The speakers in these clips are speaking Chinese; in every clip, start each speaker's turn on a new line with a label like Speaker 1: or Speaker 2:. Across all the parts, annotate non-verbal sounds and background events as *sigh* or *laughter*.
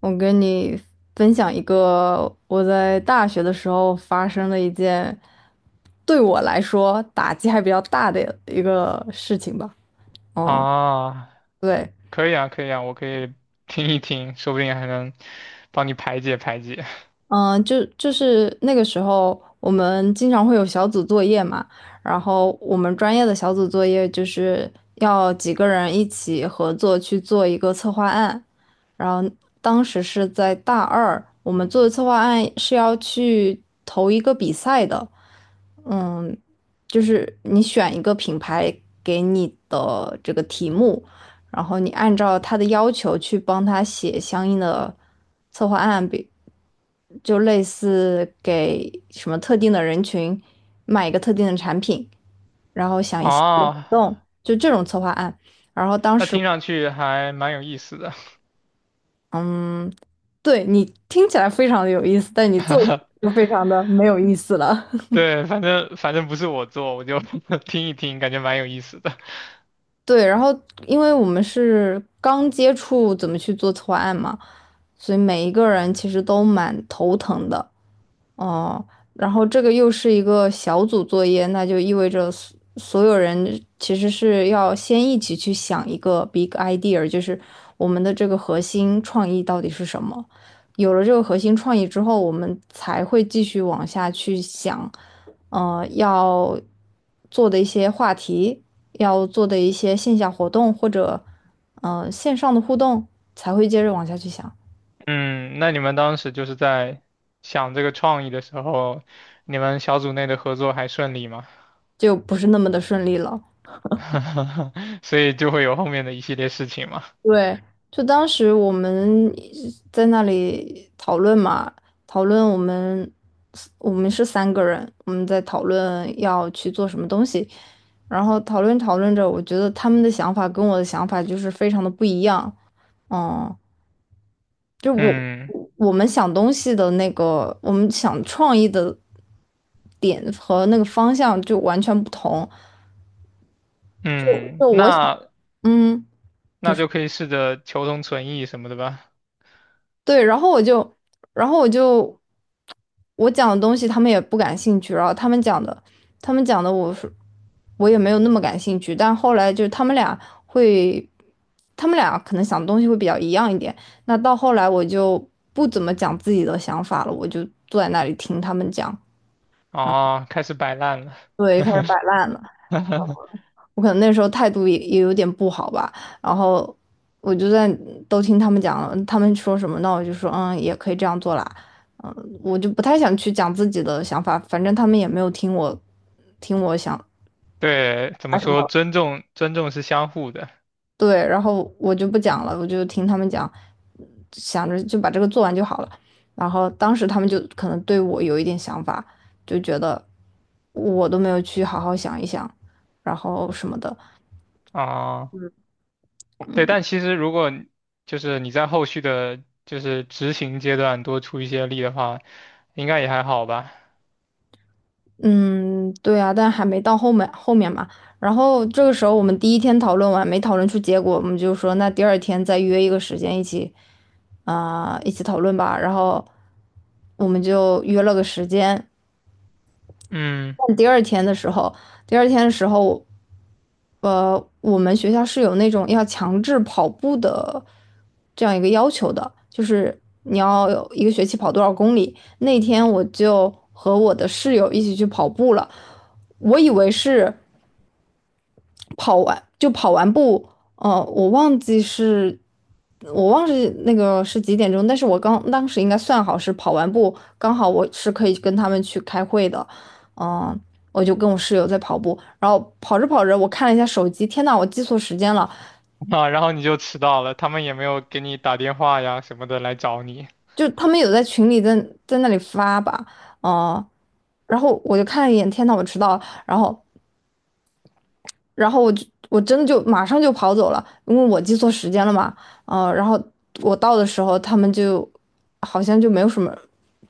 Speaker 1: 我跟你分享一个我在大学的时候发生的一件对我来说打击还比较大的一个事情吧。嗯，
Speaker 2: 啊，
Speaker 1: 对，
Speaker 2: 可以啊，可以啊，我可以听一听，说不定还能帮你排解排解。
Speaker 1: 嗯，就是那个时候，我们经常会有小组作业嘛，然后我们专业的小组作业就是要几个人一起合作去做一个策划案，然后当时是在大二，我们做的策划案是要去投一个比赛的，嗯，就是你选一个品牌给你的这个题目，然后你按照他的要求去帮他写相应的策划案，就类似给什么特定的人群卖一个特定的产品，然后想一些活
Speaker 2: 啊，
Speaker 1: 动，就这种策划案。然后当
Speaker 2: 那
Speaker 1: 时，
Speaker 2: 听上去还蛮有意思的。
Speaker 1: 嗯，对你听起来非常的有意思，但你做出来
Speaker 2: *laughs*
Speaker 1: 就非常的没有意思了。*laughs*
Speaker 2: 对，反正不是我做，我就 *laughs* 听一听，感觉蛮有意思的。
Speaker 1: 对，然后因为我们是刚接触怎么去做策划案嘛，所以每一个人其实都蛮头疼的。哦，然后这个又是一个小组作业，那就意味着所有人其实是要先一起去想一个 big idea，就是我们的这个核心创意到底是什么。有了这个核心创意之后，我们才会继续往下去想，要做的一些话题，要做的一些线下活动或者线上的互动，才会接着往下去想，
Speaker 2: 嗯，那你们当时就是在想这个创意的时候，你们小组内的合作还顺利吗？
Speaker 1: 就不是那么的顺利了。
Speaker 2: *laughs* 所以就会有后面的一系列事情嘛。
Speaker 1: 对，就当时我们在那里讨论嘛，讨论我们是三个人，我们在讨论要去做什么东西，然后讨论讨论着，我觉得他们的想法跟我的想法就是非常的不一样，嗯，就我
Speaker 2: 嗯
Speaker 1: 我们想东西的那个，我们想创意的点和那个方向就完全不同，
Speaker 2: 嗯，
Speaker 1: 就我想，
Speaker 2: 那
Speaker 1: 嗯。你
Speaker 2: 那
Speaker 1: 说
Speaker 2: 就可以试着求同存异什么的吧。
Speaker 1: 对，然后我就，然后我讲的东西他们也不感兴趣，然后他们讲的我也没有那么感兴趣，但后来就是会，他们俩可能想的东西会比较一样一点。那到后来我就不怎么讲自己的想法了，我就坐在那里听他们讲，
Speaker 2: 哦，开始摆烂了。
Speaker 1: 对，开始摆烂了。
Speaker 2: *laughs*
Speaker 1: 我可能那时候态度也有点不好吧，然后我就在都听他们讲，他们说什么，那我就说嗯，也可以这样做啦，嗯，我就不太想去讲自己的想法，反正他们也没有听我想
Speaker 2: 对，怎
Speaker 1: 啊
Speaker 2: 么
Speaker 1: 什
Speaker 2: 说？
Speaker 1: 么，
Speaker 2: 尊重，尊重是相互的
Speaker 1: 对，然后我就不讲了，我就听他们讲，想着就把这个做完就好了，然后当时他们就可能对我有一点想法，就觉得我都没有去好好想一想，然后什么的。
Speaker 2: 啊。对，但其实如果你就是你在后续的，就是执行阶段多出一些力的话，应该也还好吧。
Speaker 1: 嗯，对啊，但还没到后面后面嘛。然后这个时候我们第一天讨论完，没讨论出结果，我们就说那第二天再约一个时间一起讨论吧。然后我们就约了个时间。
Speaker 2: 嗯，
Speaker 1: 但第二天的时候，我们学校是有那种要强制跑步的这样一个要求的，就是你要有一个学期跑多少公里。那天我就和我的室友一起去跑步了。我以为是跑完就跑完步，呃，我忘记是，我忘记那个是几点钟，但是我刚当时应该算好是跑完步，刚好我是可以跟他们去开会的，嗯、我就跟我室友在跑步，然后跑着跑着，我看了一下手机，天呐，我记错时间了，
Speaker 2: *laughs* 啊，然后你就迟到了，他们也没有给你打电话呀什么的来找你。
Speaker 1: 就他们有在群里在那里发吧，嗯、然后我就看了一眼，天呐，我迟到了，然后我真的就马上就跑走了，因为我记错时间了嘛，然后我到的时候，他们就好像就没有什么，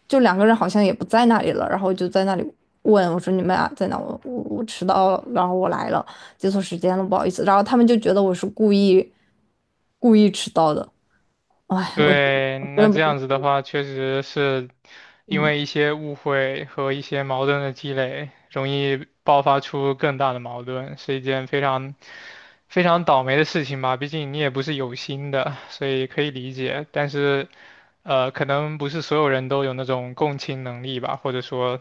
Speaker 1: 就两个人好像也不在那里了，然后就在那里问我说你们俩在哪？我迟到了，然后我来了，记错时间了，不好意思。然后他们就觉得我是故意迟到的，哎，我
Speaker 2: 对，那
Speaker 1: 真的
Speaker 2: 这
Speaker 1: 不，
Speaker 2: 样子的话，确实是
Speaker 1: *laughs*
Speaker 2: 因
Speaker 1: 嗯，
Speaker 2: 为一些误会和一些矛盾的积累，容易爆发出更大的矛盾，是一件非常非常倒霉的事情吧。毕竟你也不是有心的，所以可以理解。但是，可能不是所有人都有那种共情能力吧，或者说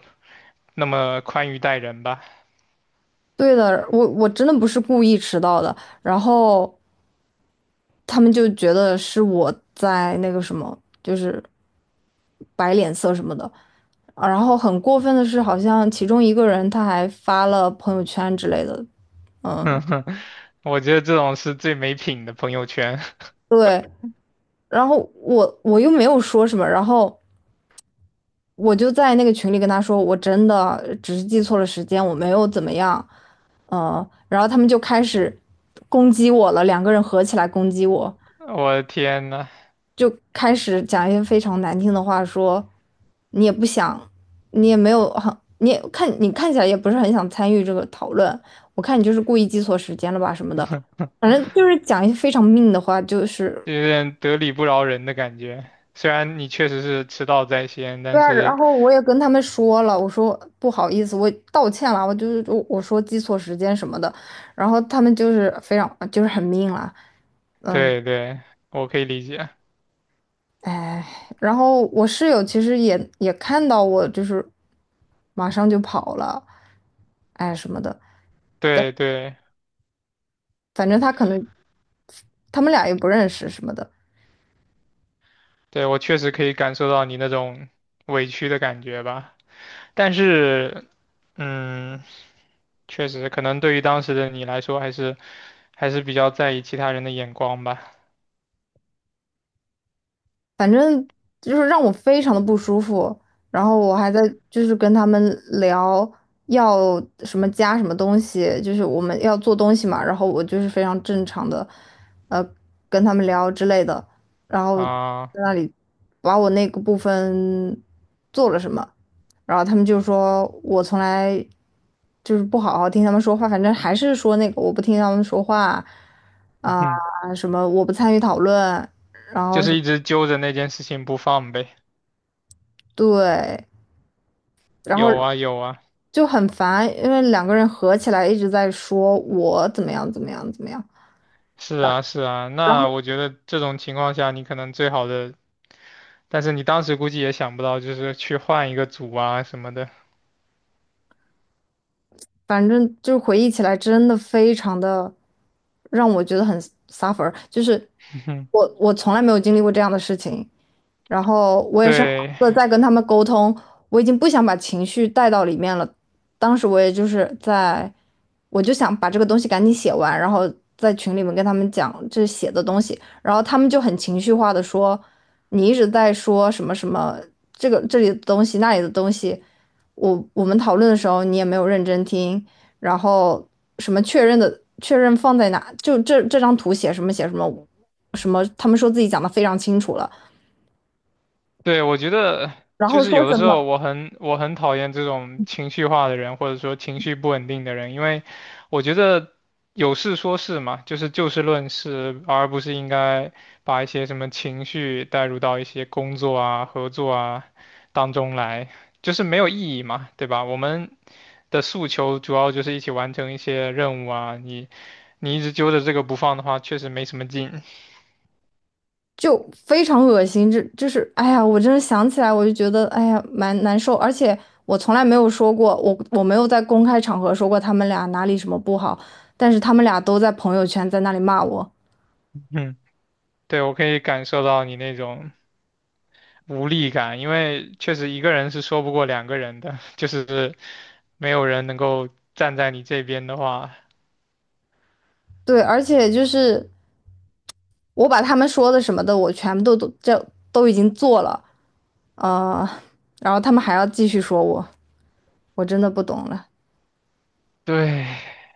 Speaker 2: 那么宽裕待人吧。
Speaker 1: 对的，我真的不是故意迟到的，然后他们就觉得是我在那个什么，就是摆脸色什么的。啊然后很过分的是，好像其中一个人他还发了朋友圈之类的，
Speaker 2: *laughs* 我觉得这种是最没品的朋友圈。
Speaker 1: 对，然后我又没有说什么，然后我就在那个群里跟他说，我真的只是记错了时间，我没有怎么样，然后他们就开始攻击我了，两个人合起来攻击我，
Speaker 2: *laughs* 我的天呐！
Speaker 1: 就开始讲一些非常难听的话说，你也不想，你也没有很，你也看你看起来也不是很想参与这个讨论，我看你就是故意记错时间了吧什么的，反正就是讲一些非常命的话，就是
Speaker 2: 就有点得理不饶人的感觉。虽然你确实是迟到在先，
Speaker 1: 对
Speaker 2: 但
Speaker 1: 啊，然
Speaker 2: 是
Speaker 1: 后我也跟他们说了，我说不好意思，我道歉了，我就是我说记错时间什么的，然后他们就是非常就是很命了。
Speaker 2: 对对，我可以理解，
Speaker 1: 哎，然后我室友其实也看到我，就是马上就跑了，哎什么的，
Speaker 2: 对对
Speaker 1: 反正他可能他们俩也不认识什么的。
Speaker 2: 对，我确实可以感受到你那种委屈的感觉吧。但是，嗯，确实可能对于当时的你来说，还是还是比较在意其他人的眼光吧。
Speaker 1: 反正就是让我非常的不舒服。然后我还在就是跟他们聊要什么加什么东西，就是我们要做东西嘛。然后我就是非常正常的，呃，跟他们聊之类的。然后在
Speaker 2: 啊，
Speaker 1: 那里把我那个部分做了什么，然后他们就说我从来就是不好好听他们说话，反正还是说那个我不听他们说话
Speaker 2: *laughs* 嗯
Speaker 1: 啊，
Speaker 2: 哼，
Speaker 1: 什么我不参与讨论，然
Speaker 2: 就
Speaker 1: 后什
Speaker 2: 是
Speaker 1: 么
Speaker 2: 一直揪着那件事情不放呗。
Speaker 1: 对，然后
Speaker 2: 有啊有啊，
Speaker 1: 就很烦，因为两个人合起来一直在说我怎么样怎么样怎么样，
Speaker 2: 是啊是啊。那我觉得这种情况下，你可能最好的。但是你当时估计也想不到，就是去换一个组啊什么的。
Speaker 1: 反正就是回忆起来真的非常的让我觉得很 suffer，就是
Speaker 2: *laughs*
Speaker 1: 我从来没有经历过这样的事情，然后我也是好
Speaker 2: 对，
Speaker 1: 好的在跟他们沟通，我已经不想把情绪带到里面了。当时我也就是在，我就想把这个东西赶紧写完，然后在群里面跟他们讲这写的东西，然后他们就很情绪化的说，你一直在说什么什么这个这里的东西那里的东西，我们讨论的时候你也没有认真听，然后什么确认的确认放在哪，就这张图写什么写什么。什么？他们说自己讲的非常清楚了，
Speaker 2: 对，我觉得
Speaker 1: 然
Speaker 2: 就
Speaker 1: 后
Speaker 2: 是
Speaker 1: 说
Speaker 2: 有的
Speaker 1: 什
Speaker 2: 时候
Speaker 1: 么
Speaker 2: 我很讨厌这种情绪化的人，或者说情绪不稳定的人，因为我觉得有事说事嘛，就是就事论事，而不是应该把一些什么情绪带入到一些工作啊、合作啊当中来，就是没有意义嘛，对吧？我们的诉求主要就是一起完成一些任务啊，你你一直揪着这个不放的话，确实没什么劲。
Speaker 1: 就非常恶心，这就是哎呀，我真的想起来我就觉得哎呀蛮难受，而且我从来没有说过，我没有在公开场合说过他们俩哪里什么不好，但是他们俩都在朋友圈在那里骂我，
Speaker 2: *laughs* 嗯，对，我可以感受到你那种无力感，因为确实一个人是说不过两个人的，*laughs* 就是没有人能够站在你这边的话，
Speaker 1: 对，而且就是我把他们说的什么的，我全部都已经做了，呃，然后他们还要继续说我，我真的不懂了。
Speaker 2: 对，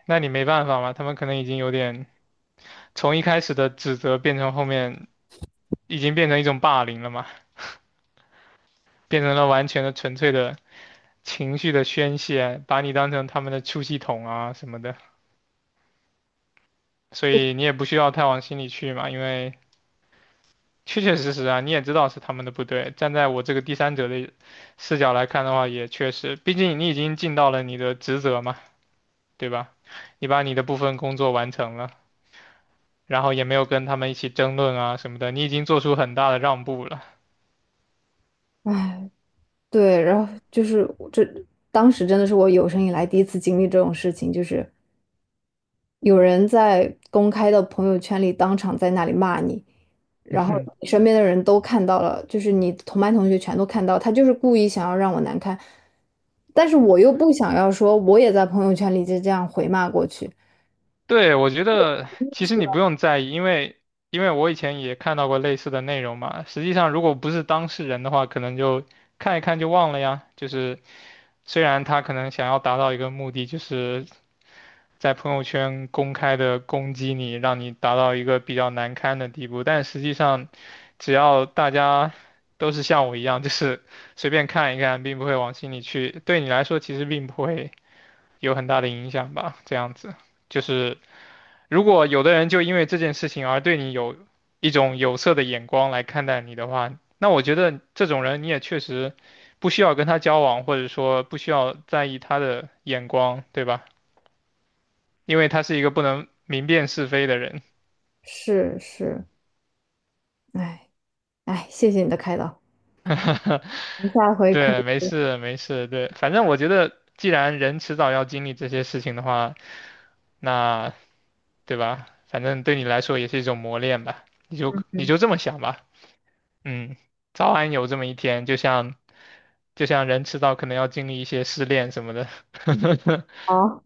Speaker 2: 那你没办法嘛，他们可能已经有点从一开始的指责变成后面已经变成一种霸凌了嘛，变成了完全的纯粹的情绪的宣泄，把你当成他们的出气筒啊什么的。所以你也不需要太往心里去嘛，因为确确实实啊，你也知道是他们的不对。站在我这个第三者的视角来看的话，也确实，毕竟你已经尽到了你的职责嘛，对吧？你把你的部分工作完成了，然后也没有跟他们一起争论啊什么的，你已经做出很大的让步了。
Speaker 1: 哎，对，然后就是我这，当时真的是我有生以来第一次经历这种事情，就是有人在公开的朋友圈里当场在那里骂你，然后你
Speaker 2: *laughs*
Speaker 1: 身边的人都看到了，就是你同班同学全都看到，他就是故意想要让我难堪，但是我又不想要说我也在朋友圈里就这样回骂过去。
Speaker 2: 对，我觉得其实你不用在意，因为因为我以前也看到过类似的内容嘛。实际上，如果不是当事人的话，可能就看一看就忘了呀，就是。虽然他可能想要达到一个目的，就是在朋友圈公开的攻击你，让你达到一个比较难堪的地步，但实际上，只要大家都是像我一样，就是随便看一看，并不会往心里去，对你来说其实并不会有很大的影响吧，这样子。就是如果有的人就因为这件事情而对你有一种有色的眼光来看待你的话，那我觉得这种人你也确实不需要跟他交往，或者说不需要在意他的眼光，对吧？因为他是一个不能明辨是非的人。
Speaker 1: 是是，哎哎，谢谢你的开导，我们
Speaker 2: *laughs*
Speaker 1: 下回可
Speaker 2: 对，没
Speaker 1: 以
Speaker 2: 事没事，对，反正我觉得既然人迟早要经历这些事情的话，那对吧？反正对你来说也是一种磨练吧，你就这么想吧。嗯，早晚有这么一天，就像人迟早可能要经历一些失恋什么的。*laughs*
Speaker 1: 好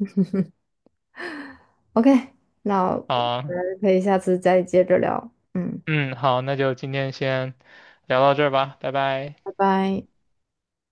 Speaker 1: ，OK，那我
Speaker 2: 啊，
Speaker 1: 们可以下次再接着聊，嗯，
Speaker 2: 嗯，好，那就今天先聊到这儿吧，拜拜。
Speaker 1: 拜拜。